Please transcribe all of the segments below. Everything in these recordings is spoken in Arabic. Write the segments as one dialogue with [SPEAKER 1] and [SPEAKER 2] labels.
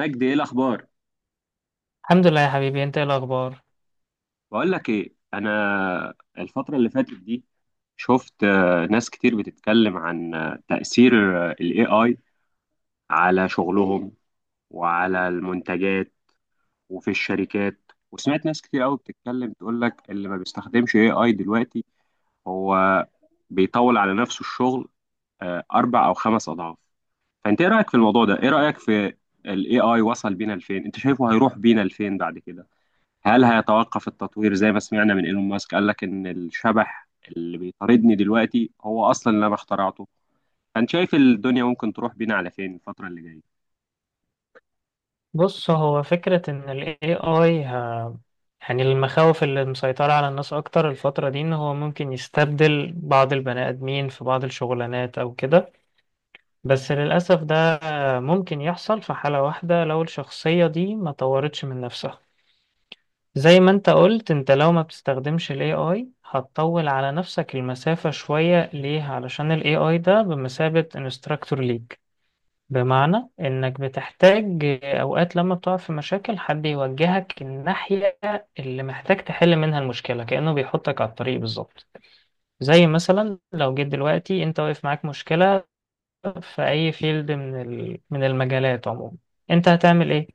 [SPEAKER 1] مجدي، ايه الاخبار؟
[SPEAKER 2] الحمد لله يا حبيبي. انت ايه الاخبار؟
[SPEAKER 1] بقول لك ايه، انا الفتره اللي فاتت دي شفت ناس كتير بتتكلم عن تاثير الاي اي على شغلهم، وعلى المنتجات وفي الشركات. وسمعت ناس كتير قوي بتتكلم تقول لك اللي ما بيستخدمش اي اي دلوقتي هو بيطول على نفسه الشغل اربع او خمس اضعاف. فانت ايه رايك في الموضوع ده؟ ايه رايك في الاي اي؟ وصل بينا لفين؟ انت شايفه هيروح بينا لفين بعد كده؟ هل هيتوقف التطوير زي ما سمعنا من ايلون ماسك؟ قال لك ان الشبح اللي بيطاردني دلوقتي هو اصلا اللي انا اخترعته. فانت شايف الدنيا ممكن تروح بينا على فين الفترة اللي جاية؟
[SPEAKER 2] بص، هو فكرة ان ال AI، يعني المخاوف اللي مسيطرة على الناس اكتر الفترة دي ان هو ممكن يستبدل بعض البني ادمين في بعض الشغلانات او كده. بس للأسف ده ممكن يحصل في حالة واحدة، لو الشخصية دي ما طورتش من نفسها. زي ما انت قلت، انت لو ما بتستخدمش ال AI هتطول على نفسك المسافة شوية. ليه؟ علشان ال AI ده بمثابة انستراكتور ليك. بمعنى انك بتحتاج اوقات لما بتقع في مشاكل حد يوجهك الناحية اللي محتاج تحل منها المشكلة، كأنه بيحطك على الطريق بالظبط. زي مثلا لو جيت دلوقتي انت واقف معاك مشكلة في اي فيلد من من المجالات عموما، انت هتعمل ايه؟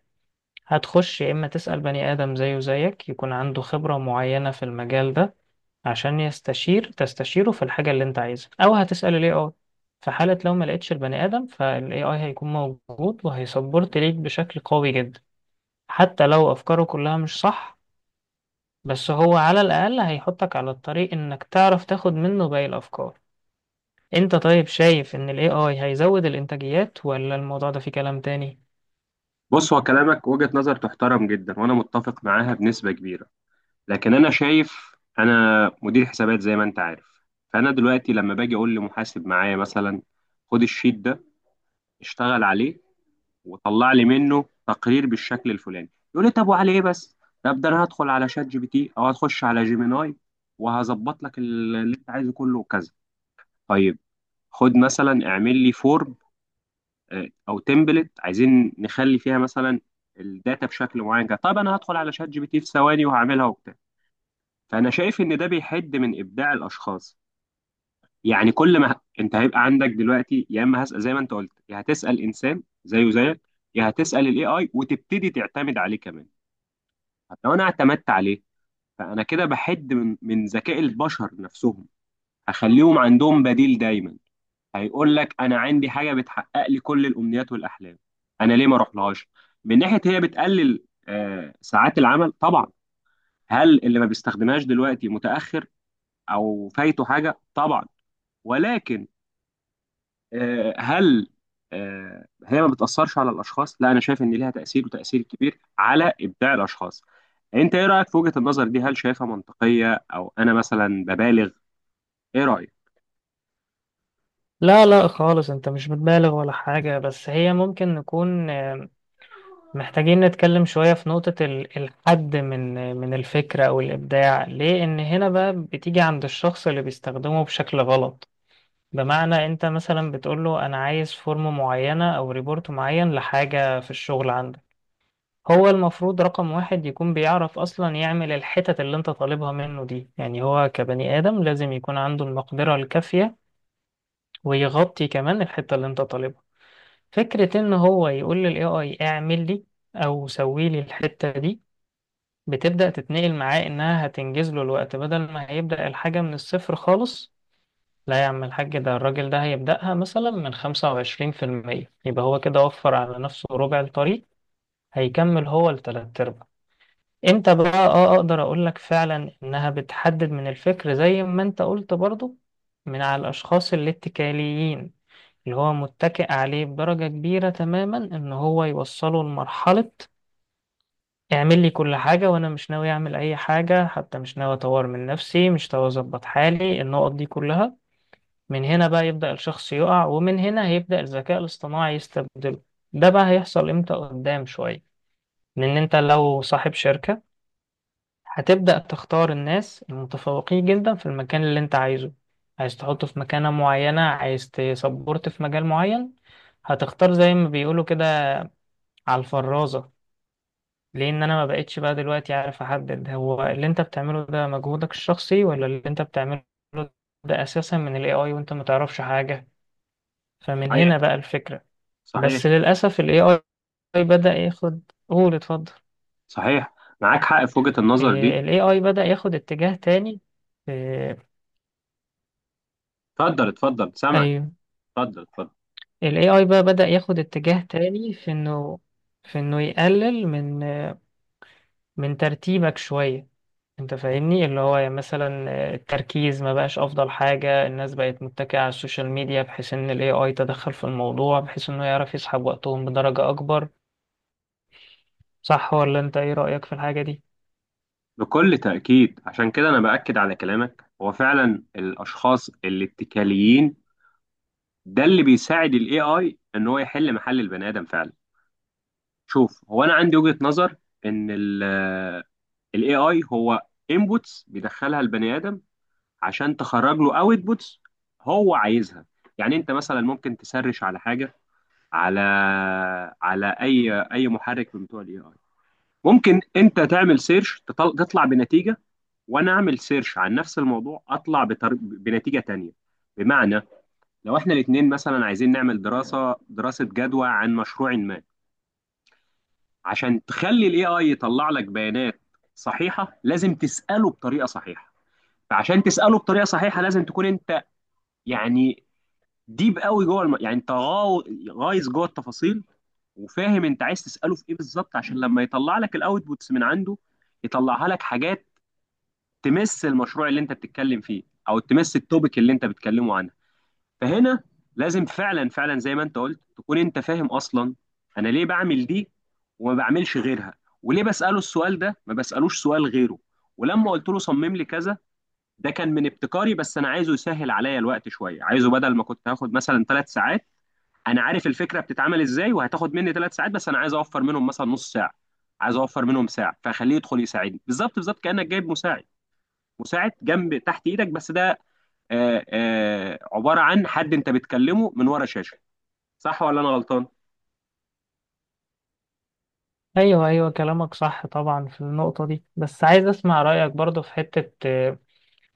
[SPEAKER 2] هتخش يا اما تسأل بني ادم زيه زيك يكون عنده خبرة معينة في المجال ده عشان تستشيره في الحاجة اللي انت عايزها، او هتسأل الاي اي. في حالة لو ما لقيتش البني ادم، فالاي اي هيكون موجود وهيسبورت ليك بشكل قوي جدا. حتى لو افكاره كلها مش صح، بس هو على الاقل هيحطك على الطريق انك تعرف تاخد منه باقي الافكار. انت طيب شايف ان الاي اي هيزود الانتاجيات، ولا الموضوع ده فيه كلام تاني؟
[SPEAKER 1] بص، هو كلامك وجهة نظر تحترم جدا وانا متفق معاها بنسبة كبيرة. لكن انا شايف، انا مدير حسابات زي ما انت عارف، فانا دلوقتي لما باجي اقول لمحاسب معايا مثلا خد الشيت ده، اشتغل عليه وطلع لي منه تقرير بالشكل الفلاني، يقول لي طب وعلى ايه بس؟ طب ده انا هدخل على شات جي بي تي او هتخش على جيميناي وهظبط لك ال- اللي انت عايزه كله وكذا. طيب، خد مثلا اعمل لي فورم، او تمبلت عايزين نخلي فيها مثلا الداتا بشكل معين كده. طب انا هدخل على شات جي بي تي في ثواني وهعملها وبتاع. فانا شايف ان ده بيحد من ابداع الاشخاص. يعني كل ما انت هيبقى عندك دلوقتي، يا اما هسأل زي ما انت قلت يا هتسأل انسان زيه زيك، يا هتسأل الاي اي وتبتدي تعتمد عليه كمان. لو انا اعتمدت عليه، فانا كده بحد من ذكاء البشر نفسهم. هخليهم عندهم بديل دايما، هيقول لك انا عندي حاجه بتحقق لي كل الامنيات والاحلام، انا ليه ما اروحلهاش؟ من ناحيه، هي بتقلل ساعات العمل طبعا. هل اللي ما بيستخدمهاش دلوقتي متاخر او فايته حاجه؟ طبعا. ولكن، هل هي ما بتأثرش على الأشخاص؟ لا، أنا شايف إن ليها تأثير، وتأثير كبير على إبداع الأشخاص. أنت إيه رأيك في وجهة النظر دي؟ هل شايفها منطقية أو أنا مثلا ببالغ؟ إيه رأيك؟
[SPEAKER 2] لا لا خالص، انت مش بتبالغ ولا حاجة. بس هي ممكن نكون محتاجين نتكلم شوية في نقطة الحد من الفكرة أو الإبداع. ليه؟ إن هنا بقى بتيجي عند الشخص اللي بيستخدمه بشكل غلط. بمعنى أنت مثلا بتقوله أنا عايز فورم معينة أو ريبورت معين لحاجة في الشغل عندك. هو المفروض رقم واحد يكون بيعرف أصلا يعمل الحتت اللي أنت طالبها منه دي. يعني هو كبني آدم لازم يكون عنده المقدرة الكافية، ويغطي كمان الحتة اللي أنت طالبها. فكرة إن هو يقول لل AI اعمل لي أو سوي لي الحتة دي، بتبدأ تتنقل معاه إنها هتنجز له الوقت بدل ما هيبدأ الحاجة من الصفر خالص. لا يا عم الحاج، ده الراجل ده هيبدأها مثلا من خمسة وعشرين في المية، يبقى هو كده وفر على نفسه ربع الطريق، هيكمل هو لتلات أرباع. امتى بقى اه اقدر اقولك فعلا انها بتحدد من الفكر زي ما انت قلت برضو؟ من على الاشخاص الاتكاليين، اللي هو متكئ عليه بدرجة كبيرة تماما، ان هو يوصله لمرحلة اعمل لي كل حاجة وانا مش ناوي اعمل اي حاجة، حتى مش ناوي اطور من نفسي، مش ناوي اظبط حالي، النقط دي كلها من هنا بقى يبدأ الشخص يقع. ومن هنا هيبدأ الذكاء الاصطناعي يستبدله. ده بقى هيحصل امتى؟ قدام شوية. لان انت لو صاحب شركة، هتبدأ تختار الناس المتفوقين جدا في المكان اللي انت عايزه، عايز تحطه في مكانة معينة، عايز تسبورت في مجال معين. هتختار زي ما بيقولوا كده على الفرازة. لان انا ما بقتش بقى دلوقتي عارف احدد هو اللي انت بتعمله ده مجهودك الشخصي، ولا اللي انت بتعمله ده اساسا من الاي اي وانت ما تعرفش حاجة. فمن
[SPEAKER 1] صحيح.
[SPEAKER 2] هنا بقى الفكرة. بس
[SPEAKER 1] صحيح.
[SPEAKER 2] للاسف الاي اي بدأ ياخد، قول اتفضل.
[SPEAKER 1] صحيح. معاك حق في وجهة النظر دي.
[SPEAKER 2] الاي اي بدأ ياخد اتجاه تاني في...
[SPEAKER 1] اتفضل، اتفضل، سامعك.
[SPEAKER 2] ايوه.
[SPEAKER 1] اتفضل، اتفضل.
[SPEAKER 2] الاي اي بقى بدأ ياخد اتجاه تاني في انه، يقلل من ترتيبك شوية. انت فاهمني، اللي هو يعني مثلا التركيز ما بقاش افضل حاجة، الناس بقت متكئة على السوشيال ميديا، بحيث ان الاي اي تدخل في الموضوع بحيث انه يعرف يسحب وقتهم بدرجة اكبر. صح ولا انت ايه رأيك في الحاجة دي؟
[SPEAKER 1] بكل تأكيد، عشان كده أنا بأكد على كلامك. هو فعلا الأشخاص الاتكاليين ده اللي بيساعد ال AI إن هو يحل محل البني آدم فعلا. شوف، هو انا عندي وجهة نظر ان ال AI هو inputs بيدخلها البني ادم عشان تخرج له outputs هو عايزها. يعني انت مثلا ممكن تسرش على حاجة، على على اي اي محرك من بتوع ال AI. ممكن انت تعمل سيرش تطلع بنتيجة، وانا اعمل سيرش عن نفس الموضوع اطلع بنتيجة تانية. بمعنى، لو احنا الاتنين مثلا عايزين نعمل دراسة جدوى عن مشروع ما، عشان تخلي الاي اي يطلع لك بيانات صحيحه لازم تساله بطريقه صحيحه. فعشان تساله بطريقه صحيحه لازم تكون انت، يعني، ديب قوي جوه يعني انت غايز جوه التفاصيل، وفاهم انت عايز تساله في ايه بالظبط، عشان لما يطلع لك الاوتبوتس من عنده يطلعها لك حاجات تمس المشروع اللي انت بتتكلم فيه او تمس التوبيك اللي انت بتتكلمه عنه. فهنا لازم فعلا فعلا زي ما انت قلت تكون انت فاهم اصلا انا ليه بعمل دي وما بعملش غيرها، وليه بساله السؤال ده ما بسالوش سؤال غيره. ولما قلت له صمم لي كذا، ده كان من ابتكاري، بس انا عايزه يسهل عليا الوقت شويه، عايزه بدل ما كنت هاخد مثلا ثلاث ساعات، انا عارف الفكره بتتعمل ازاي وهتاخد مني ثلاث ساعات، بس انا عايز اوفر منهم مثلا نص ساعه، عايز اوفر منهم ساعه، فخليه يدخل يساعدني بالظبط بالظبط، كانك جايب مساعد، مساعد جنب تحت ايدك، بس ده عباره عن حد انت بتكلمه من ورا شاشه. صح ولا انا غلطان؟
[SPEAKER 2] ايوه ايوه كلامك صح طبعا في النقطة دي. بس عايز اسمع رأيك برضه في حتة،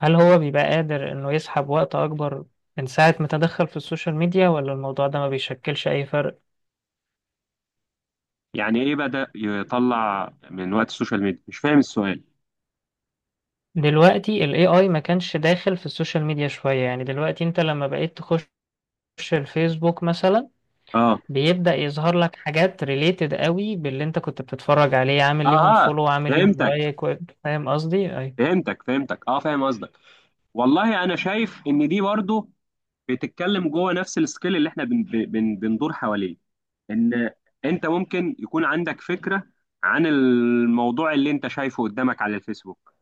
[SPEAKER 2] هل هو بيبقى قادر انه يسحب وقت اكبر من ساعة ما تدخل في السوشيال ميديا، ولا الموضوع ده ما بيشكلش أي فرق؟
[SPEAKER 1] يعني ايه بدا يطلع من وقت السوشيال ميديا؟ مش فاهم السؤال.
[SPEAKER 2] دلوقتي ال AI ما كانش داخل في السوشيال ميديا شوية. يعني دلوقتي أنت لما بقيت تخش، بتخش الفيسبوك مثلا،
[SPEAKER 1] اه.
[SPEAKER 2] بيبدأ يظهر لك حاجات ريليتد قوي باللي انت كنت بتتفرج عليه، عامل
[SPEAKER 1] اه.
[SPEAKER 2] ليهم
[SPEAKER 1] آه،
[SPEAKER 2] فولو، عامل ليهم
[SPEAKER 1] فهمتك.
[SPEAKER 2] لايك فاهم قصدي؟ ايوه.
[SPEAKER 1] فهمتك. فهمتك. اه، فاهم قصدك. والله انا شايف ان دي برضو بتتكلم جوه نفس السكيل اللي احنا بن بن بندور حواليه. ان انت ممكن يكون عندك فكره عن الموضوع اللي انت شايفه قدامك على الفيسبوك،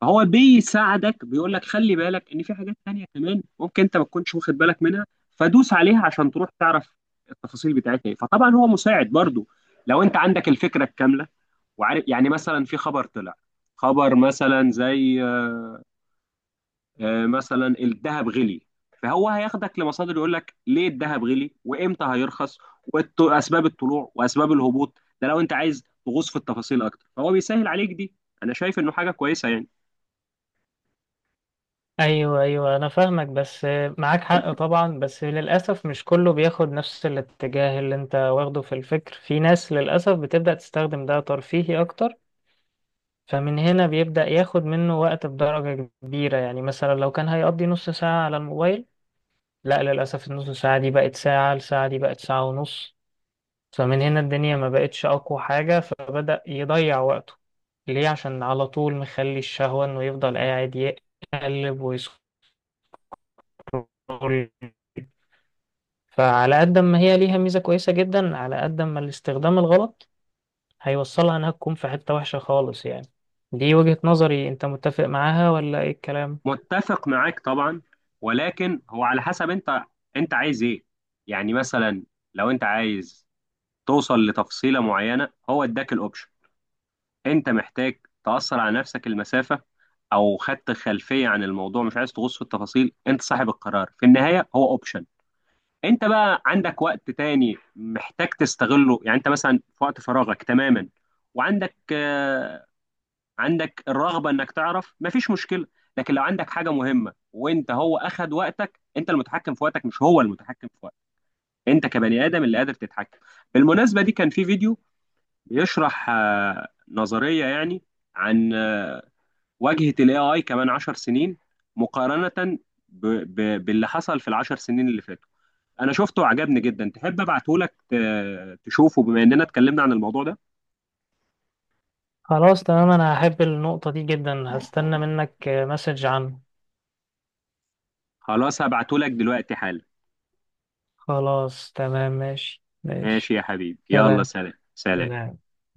[SPEAKER 1] فهو بيساعدك، بيقول لك خلي بالك ان في حاجات تانية كمان ممكن انت ما تكونش واخد بالك منها، فدوس عليها عشان تروح تعرف التفاصيل بتاعتها ايه. فطبعا هو مساعد برضو لو انت عندك الفكرة الكاملة وعارف، يعني مثلا في خبر طلع، خبر مثلا زي مثلا الذهب غلي، فهو هياخدك لمصادر يقول لك ليه الذهب غلي وامتى هيرخص واسباب الطلوع واسباب الهبوط. ده لو انت عايز تغوص في التفاصيل اكتر فهو بيسهل عليك دي. انا شايف انه حاجة كويسة يعني.
[SPEAKER 2] ايوه ايوه انا فاهمك. بس معاك حق طبعا، بس للاسف مش كله بياخد نفس الاتجاه اللي انت واخده في الفكر. في ناس للاسف بتبدأ تستخدم ده ترفيهي اكتر، فمن هنا بيبدأ ياخد منه وقت بدرجة كبيرة. يعني مثلا لو كان هيقضي نص ساعة على الموبايل، لا للأسف النص ساعة دي بقت ساعة، الساعة دي بقت ساعة ونص. فمن هنا الدنيا ما بقتش أقوى حاجة، فبدأ يضيع وقته. ليه؟ عشان على طول مخلي الشهوة إنه يفضل قاعد يقلب ويسكرول. فعلى قد ما هي ليها ميزة كويسة جدا، على قد ما الاستخدام الغلط هيوصلها إنها تكون في حتة وحشة خالص يعني. دي وجهة نظري، أنت متفق معاها ولا إيه الكلام؟
[SPEAKER 1] متفق معاك طبعا، ولكن هو على حسب انت انت عايز ايه. يعني مثلا لو انت عايز توصل لتفصيلة معينة هو اداك الاوبشن. انت محتاج تأثر على نفسك المسافة او خدت خلفية عن الموضوع مش عايز تغوص في التفاصيل، انت صاحب القرار في النهاية. هو اوبشن، انت بقى عندك وقت تاني محتاج تستغله. يعني انت مثلا في وقت فراغك تماما وعندك عندك الرغبه انك تعرف، مفيش مشكله. لكن لو عندك حاجه مهمه وانت هو اخد وقتك، انت المتحكم في وقتك مش هو المتحكم في وقتك. انت كبني ادم اللي قادر تتحكم. بالمناسبه، دي كان في فيديو بيشرح نظريه يعني عن واجهه الاي اي كمان 10 سنين، مقارنه باللي حصل في العشر سنين اللي فاتوا. انا شفته وعجبني جدا، تحب ابعته لك تشوفه بما اننا اتكلمنا عن الموضوع ده؟
[SPEAKER 2] خلاص تمام، أنا هحب النقطة دي جدا، هستنى منك مسج عنه.
[SPEAKER 1] خلاص هبعته لك دلوقتي حالا.
[SPEAKER 2] خلاص تمام، ماشي ماشي.
[SPEAKER 1] ماشي يا حبيبي، يلا،
[SPEAKER 2] سلام
[SPEAKER 1] سلام. سلام.
[SPEAKER 2] سلام.